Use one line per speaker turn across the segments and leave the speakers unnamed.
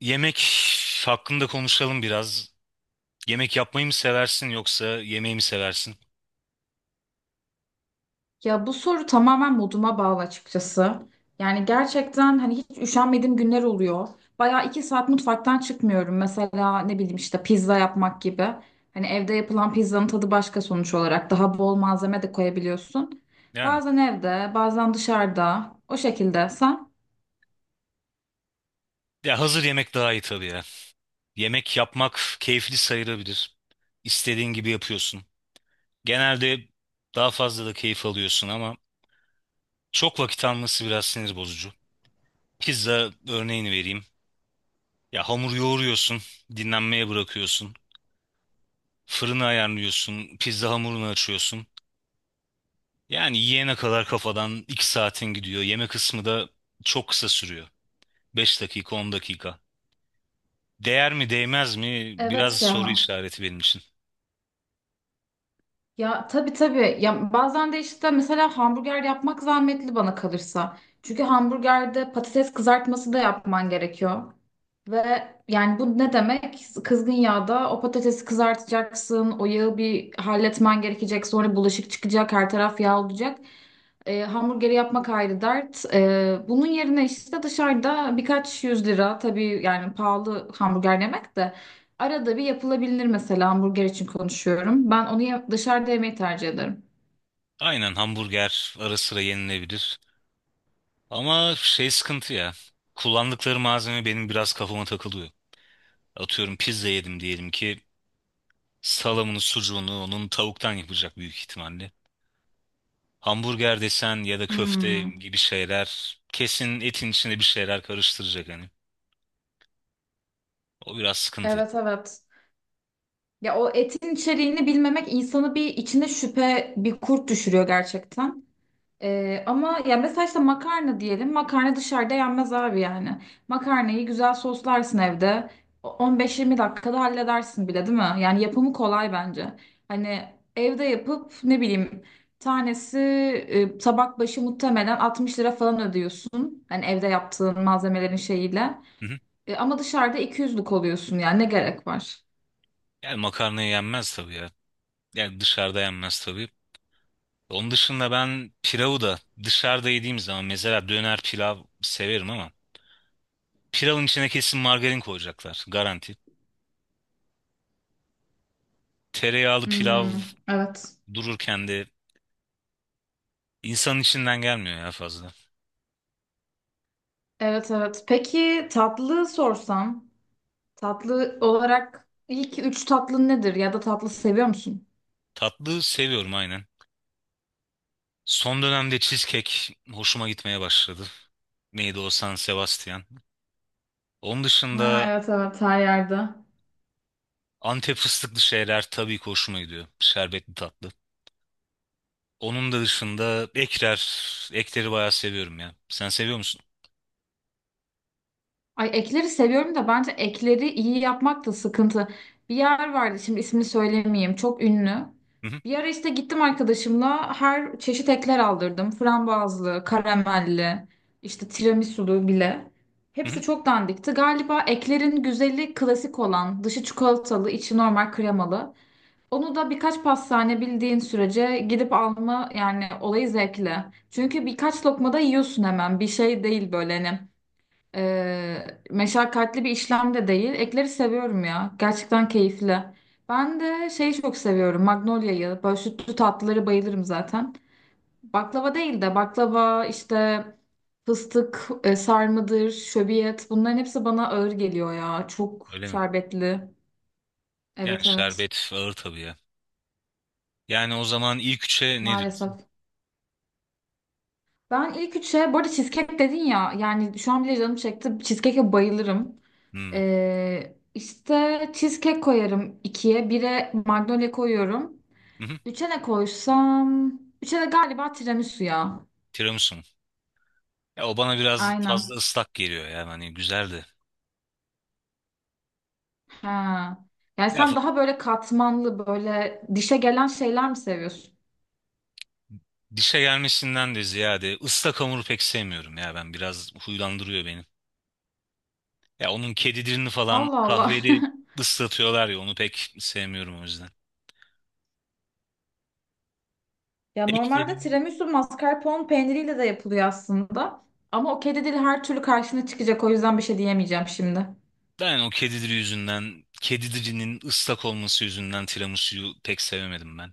Yemek hakkında konuşalım biraz. Yemek yapmayı mı seversin yoksa yemeği mi seversin?
Ya bu soru tamamen moduma bağlı açıkçası. Yani gerçekten hani hiç üşenmediğim günler oluyor. Bayağı 2 saat mutfaktan çıkmıyorum. Mesela ne bileyim işte pizza yapmak gibi. Hani evde yapılan pizzanın tadı başka sonuç olarak. Daha bol malzeme de koyabiliyorsun.
Yani
Bazen evde, bazen dışarıda. O şekilde sen?
ya hazır yemek daha iyi tabii ya. Yemek yapmak keyifli sayılabilir. İstediğin gibi yapıyorsun. Genelde daha fazla da keyif alıyorsun ama çok vakit alması biraz sinir bozucu. Pizza örneğini vereyim. Ya hamur yoğuruyorsun, dinlenmeye bırakıyorsun. Fırını ayarlıyorsun, pizza hamurunu açıyorsun. Yani yiyene kadar kafadan 2 saatin gidiyor. Yeme kısmı da çok kısa sürüyor. 5 dakika, 10 dakika. Değer mi değmez mi biraz
Evet
soru
ya.
işareti benim için.
Ya tabii tabii. Ya bazen de işte mesela hamburger yapmak zahmetli bana kalırsa. Çünkü hamburgerde patates kızartması da yapman gerekiyor. Ve yani bu ne demek? Kızgın yağda o patatesi kızartacaksın, o yağı bir halletmen gerekecek, sonra bulaşık çıkacak, her taraf yağ olacak. Hamburgeri yapmak ayrı dert. Bunun yerine işte dışarıda birkaç yüz lira tabii yani pahalı hamburger yemek de. Arada bir yapılabilir mesela hamburger için konuşuyorum. Ben onu dışarıda yemeyi tercih ederim.
Aynen, hamburger ara sıra yenilebilir. Ama şey sıkıntı ya. Kullandıkları malzeme benim biraz kafama takılıyor. Atıyorum pizza yedim diyelim ki, salamını sucuğunu onun tavuktan yapacak büyük ihtimalle. Hamburger desen ya da köfte
Hmm.
gibi şeyler kesin etin içinde bir şeyler karıştıracak hani. O biraz sıkıntı ya.
Evet evet. Ya o etin içeriğini bilmemek insanı bir içine şüphe, bir kurt düşürüyor gerçekten. Ama ya mesela işte makarna diyelim. Makarna dışarıda yenmez abi yani. Makarnayı güzel soslarsın evde. 15-20 dakikada halledersin bile değil mi? Yani yapımı kolay bence. Hani evde yapıp ne bileyim tanesi tabak başı muhtemelen 60 lira falan ödüyorsun. Hani evde yaptığın malzemelerin şeyiyle.
Hı hı.
Ama dışarıda 200'lük oluyorsun yani ne gerek var?
Yani makarna yenmez tabii ya. Yani dışarıda yenmez tabii. Onun dışında ben pilavı da dışarıda yediğim zaman mesela döner pilav severim ama pilavın içine kesin margarin koyacaklar garanti. Tereyağlı pilav
Hmm, evet.
dururken de insanın içinden gelmiyor ya fazla.
Evet evet. Peki tatlı sorsam? Tatlı olarak ilk üç tatlın nedir? Ya da tatlı seviyor musun?
Tatlı seviyorum aynen. Son dönemde cheesecake hoşuma gitmeye başladı. Neydi o, San Sebastian. Onun
Ha,
dışında
evet evet, her yerde.
Antep fıstıklı şeyler tabii ki hoşuma gidiyor. Şerbetli tatlı. Onun da dışında ekler, ekleri bayağı seviyorum ya. Sen seviyor musun?
Ay, ekleri seviyorum da bence ekleri iyi yapmak da sıkıntı. Bir yer vardı, şimdi ismini söylemeyeyim, çok ünlü.
Hı hı.
Bir ara işte gittim arkadaşımla her çeşit ekler aldırdım. Frambuazlı, karamelli, işte tiramisulu bile.
hı hı.
Hepsi çok dandikti. Galiba eklerin güzeli klasik olan, dışı çikolatalı içi normal kremalı. Onu da birkaç pastane bildiğin sürece gidip alma yani, olayı zevkli. Çünkü birkaç lokma yiyorsun hemen. Bir şey değil, böyle hani meşakkatli bir işlem de değil. Ekleri seviyorum ya. Gerçekten keyifli. Ben de şeyi çok seviyorum, Magnolia'yı. Böyle sütlü tatlıları bayılırım zaten. Baklava değil de baklava işte, fıstık sarmadır, şöbiyet, bunların hepsi bana ağır geliyor ya. Çok
Öyle mi?
şerbetli.
Yani
Evet evet,
şerbet ağır tabii ya. Yani o zaman ilk üçe ne diyorsun?
maalesef. Ben ilk üçe, bu arada cheesecake dedin ya, yani şu an bile canım çekti. Cheesecake'e bayılırım.
Hmm.
İşte cheesecake koyarım ikiye. Bire Magnolia koyuyorum.
Hı-hı.
Üçe ne koysam? Üçe de galiba tiramisu ya.
Tiramisu mu? Ya o bana biraz fazla
Aynen.
ıslak geliyor ya. Hani güzeldi.
Ha. Yani
Ya
sen
fa-
daha böyle katmanlı, böyle dişe gelen şeyler mi seviyorsun?
Dişe gelmesinden de ziyade ıslak hamuru pek sevmiyorum ya ben. Biraz huylandırıyor beni. Ya onun kedi dilini falan
Allah Allah.
kahveli ıslatıyorlar ya, onu pek sevmiyorum o yüzden.
Ya normalde
Eklerim.
tiramisu mascarpone peyniriyle de yapılıyor aslında. Ama o kedi dili her türlü karşına çıkacak. O yüzden bir şey diyemeyeceğim şimdi.
Ben o kedi dili yüzünden, kedi dilinin ıslak olması yüzünden tiramisu'yu pek sevemedim ben.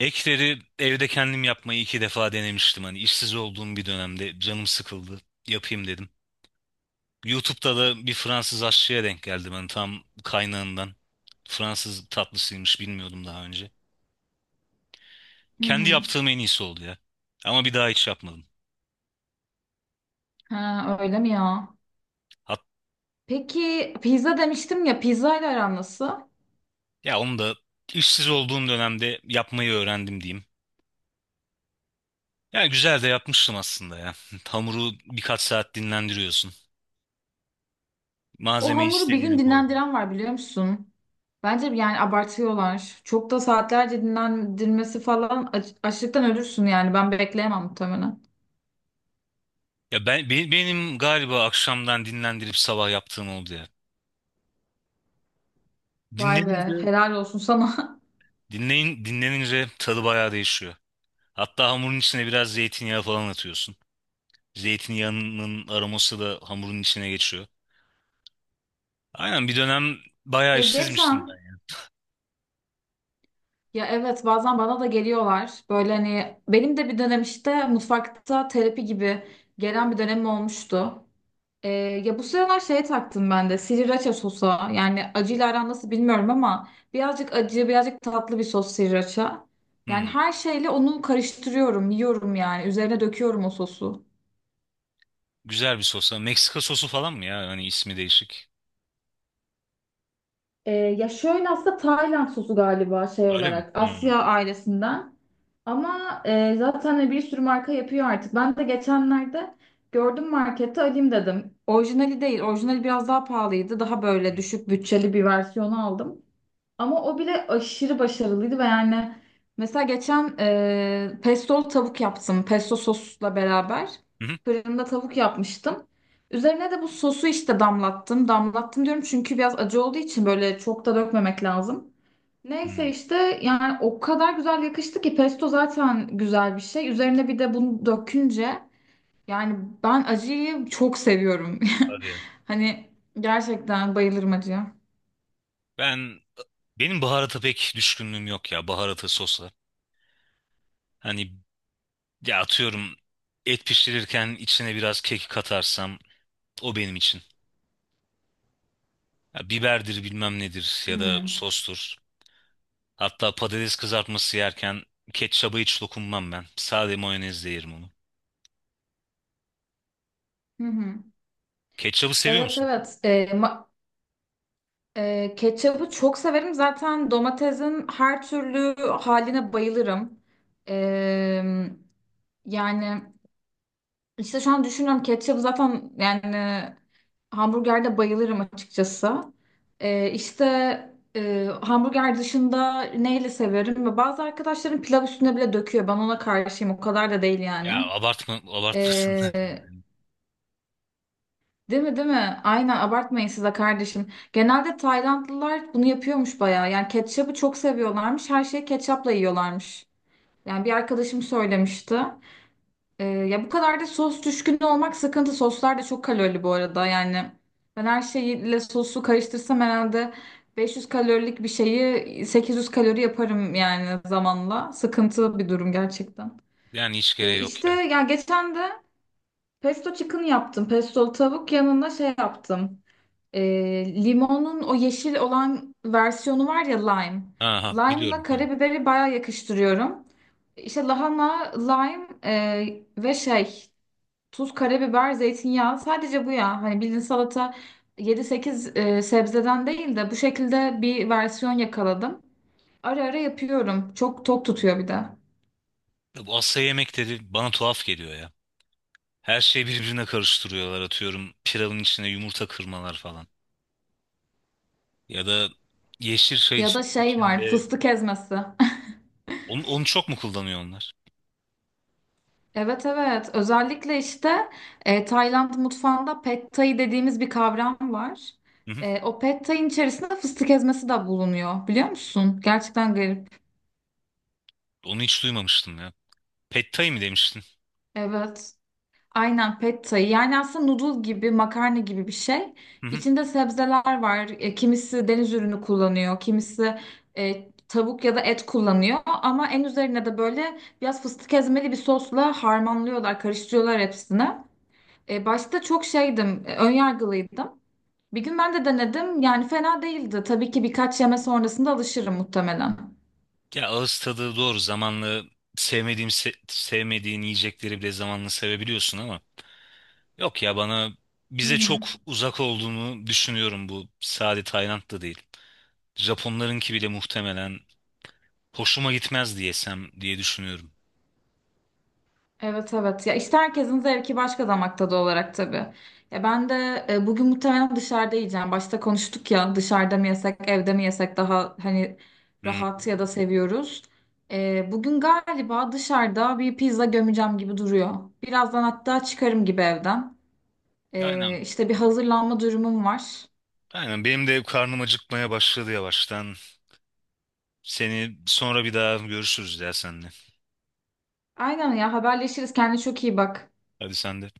Ekleri evde kendim yapmayı iki defa denemiştim. Hani işsiz olduğum bir dönemde canım sıkıldı. Yapayım dedim. YouTube'da da bir Fransız aşçıya denk geldim. Hani tam kaynağından. Fransız tatlısıymış, bilmiyordum daha önce.
Hı
Kendi
hı.
yaptığım en iyisi oldu ya. Ama bir daha hiç yapmadım.
Ha, öyle mi ya?
Hat
Peki pizza demiştim ya, pizza ile aran nasıl?
ya onu da işsiz olduğum dönemde yapmayı öğrendim diyeyim. Ya güzel de yapmıştım aslında ya. Hamuru birkaç saat dinlendiriyorsun.
O
Malzemeyi
hamuru bir
istediğine
gün
koy.
dinlendiren var biliyor musun? Bence yani abartıyorlar. Çok da saatlerce dinlendirmesi falan, açlıktan ölürsün yani. Ben bekleyemem muhtemelen.
Benim galiba akşamdan dinlendirip sabah yaptığım oldu ya.
Vay be,
Dinlenince
helal olsun sana.
dinlenince tadı bayağı değişiyor. Hatta hamurun içine biraz zeytinyağı falan atıyorsun. Zeytinyağının aroması da hamurun içine geçiyor. Aynen, bir dönem bayağı
Ya
işsizmiştim
geçen,
ben.
ya evet, bazen bana da geliyorlar. Böyle hani benim de bir dönem işte mutfakta terapi gibi gelen bir dönemim olmuştu. Ee, Ya bu sıralar şeye taktım ben de, sriracha sosa. Yani acıyla aran nasıl bilmiyorum ama birazcık acı birazcık tatlı bir sos sriracha. Yani
Hmm,
her şeyle onu karıştırıyorum yiyorum, yani üzerine döküyorum o sosu.
güzel bir sosa. Meksika sosu falan mı ya? Hani ismi değişik.
Ya şöyle, aslında Tayland sosu galiba, şey
Öyle mi?
olarak
Hmm.
Asya ailesinden, ama zaten bir sürü marka yapıyor artık. Ben de geçenlerde gördüm markette, alayım dedim. Orijinali değil, orijinali biraz daha pahalıydı, daha böyle
Hmm.
düşük bütçeli bir versiyonu aldım. Ama o bile aşırı başarılıydı ve yani mesela geçen pesto tavuk yaptım. Pesto sosla beraber
Hı hı.
fırında tavuk yapmıştım. Üzerine de bu sosu işte damlattım. Damlattım diyorum çünkü biraz acı olduğu için böyle çok da dökmemek lazım. Neyse
Hmm.
işte, yani o kadar güzel yakıştı ki, pesto zaten güzel bir şey. Üzerine bir de bunu dökünce yani, ben acıyı çok seviyorum.
Hadi ya.
Hani gerçekten bayılırım acıya.
Ben benim baharata pek düşkünlüğüm yok ya, baharata sosla. Hani, ya atıyorum, et pişirirken içine biraz kek katarsam o benim için. Ya biberdir bilmem nedir ya da
Hmm.
sostur. Hatta patates kızartması yerken ketçaba hiç dokunmam ben. Sade mayonezle yerim onu.
Hı hı.
Ketçabı seviyor
Evet
musun?
evet. Ketçabı çok severim. Zaten domatesin her türlü haline bayılırım. Ee, Yani işte şu an düşünüyorum, ketçabı zaten yani hamburgerde bayılırım açıkçası. İşte hamburger dışında neyle severim? Ve bazı arkadaşlarım pilav üstüne bile döküyor. Ben ona karşıyım. O kadar da değil
Ya
yani.
abartma, abartmasınlar. Yani,
Değil mi, değil mi? Aynen, abartmayın size kardeşim. Genelde Taylandlılar bunu yapıyormuş bayağı. Yani ketçabı çok seviyorlarmış. Her şeyi ketçapla yiyorlarmış. Yani bir arkadaşım söylemişti. Ya bu kadar da sos düşkünü olmak sıkıntı. Soslar da çok kalorili bu arada. Yani ben her şeyle sosu karıştırsam herhalde 500 kalorilik bir şeyi 800 kalori yaparım yani, zamanla. Sıkıntı bir durum gerçekten.
yani hiç gereği yok
İşte
ya.
ya geçen de pesto chicken yaptım. Pestolu tavuk, yanına şey yaptım. Limonun o yeşil olan versiyonu var ya, lime.
Ha, ha
Lime'la
biliyorum. Ha.
karabiberi baya yakıştırıyorum. İşte lahana, lime ve şey, tuz, karabiber, zeytinyağı, sadece bu ya. Hani bildiğin salata, yedi sekiz sebzeden değil de bu şekilde bir versiyon yakaladım. Ara ara yapıyorum. Çok tok tutuyor bir de.
Ya bu Asya yemekleri bana tuhaf geliyor ya. Her şeyi birbirine karıştırıyorlar, atıyorum pilavın içine yumurta kırmalar falan. Ya da yeşil çay
Ya da şey var,
içinde,
fıstık ezmesi.
onu çok mu kullanıyor onlar?
Evet evet, özellikle işte Tayland mutfağında pad thai dediğimiz bir kavram var.
Hı hı.
O pad thai'nin içerisinde fıstık ezmesi de bulunuyor biliyor musun? Gerçekten garip.
Onu hiç duymamıştım ya. Pad Thai mi demiştin?
Evet aynen, pad thai yani aslında noodle gibi, makarna gibi bir şey.
Hı hı.
İçinde sebzeler var. Kimisi deniz ürünü kullanıyor, kimisi tavuk ya da et kullanıyor. Ama en üzerine de böyle biraz fıstık ezmeli bir sosla harmanlıyorlar, karıştırıyorlar hepsini. Başta çok şeydim, önyargılıydım. Bir gün ben de denedim. Yani fena değildi. Tabii ki birkaç yeme sonrasında alışırım muhtemelen.
Ya ağız tadı doğru. Zamanla sevmediğin yiyecekleri bile zamanla sevebiliyorsun ama yok ya, bana
Hı
bize
hı.
çok uzak olduğunu düşünüyorum, bu sade Tayland da değil. Japonlarınki bile muhtemelen hoşuma gitmez diyesem diye düşünüyorum.
Evet evet. Ya işte herkesin zevki başka, damak tadı olarak tabii. Ya ben de bugün muhtemelen dışarıda yiyeceğim. Başta konuştuk ya, dışarıda mı yesek, evde mi yesek, daha hani
Hı.
rahat ya da seviyoruz. Bugün galiba dışarıda bir pizza gömeceğim gibi duruyor. Birazdan hatta çıkarım gibi evden.
Aynen.
İşte bir hazırlanma durumum var.
Aynen benim de karnım acıkmaya başladı yavaştan. Seni sonra bir daha görüşürüz ya senle.
Aynen ya, haberleşiriz. Kendine çok iyi bak.
Hadi sen de.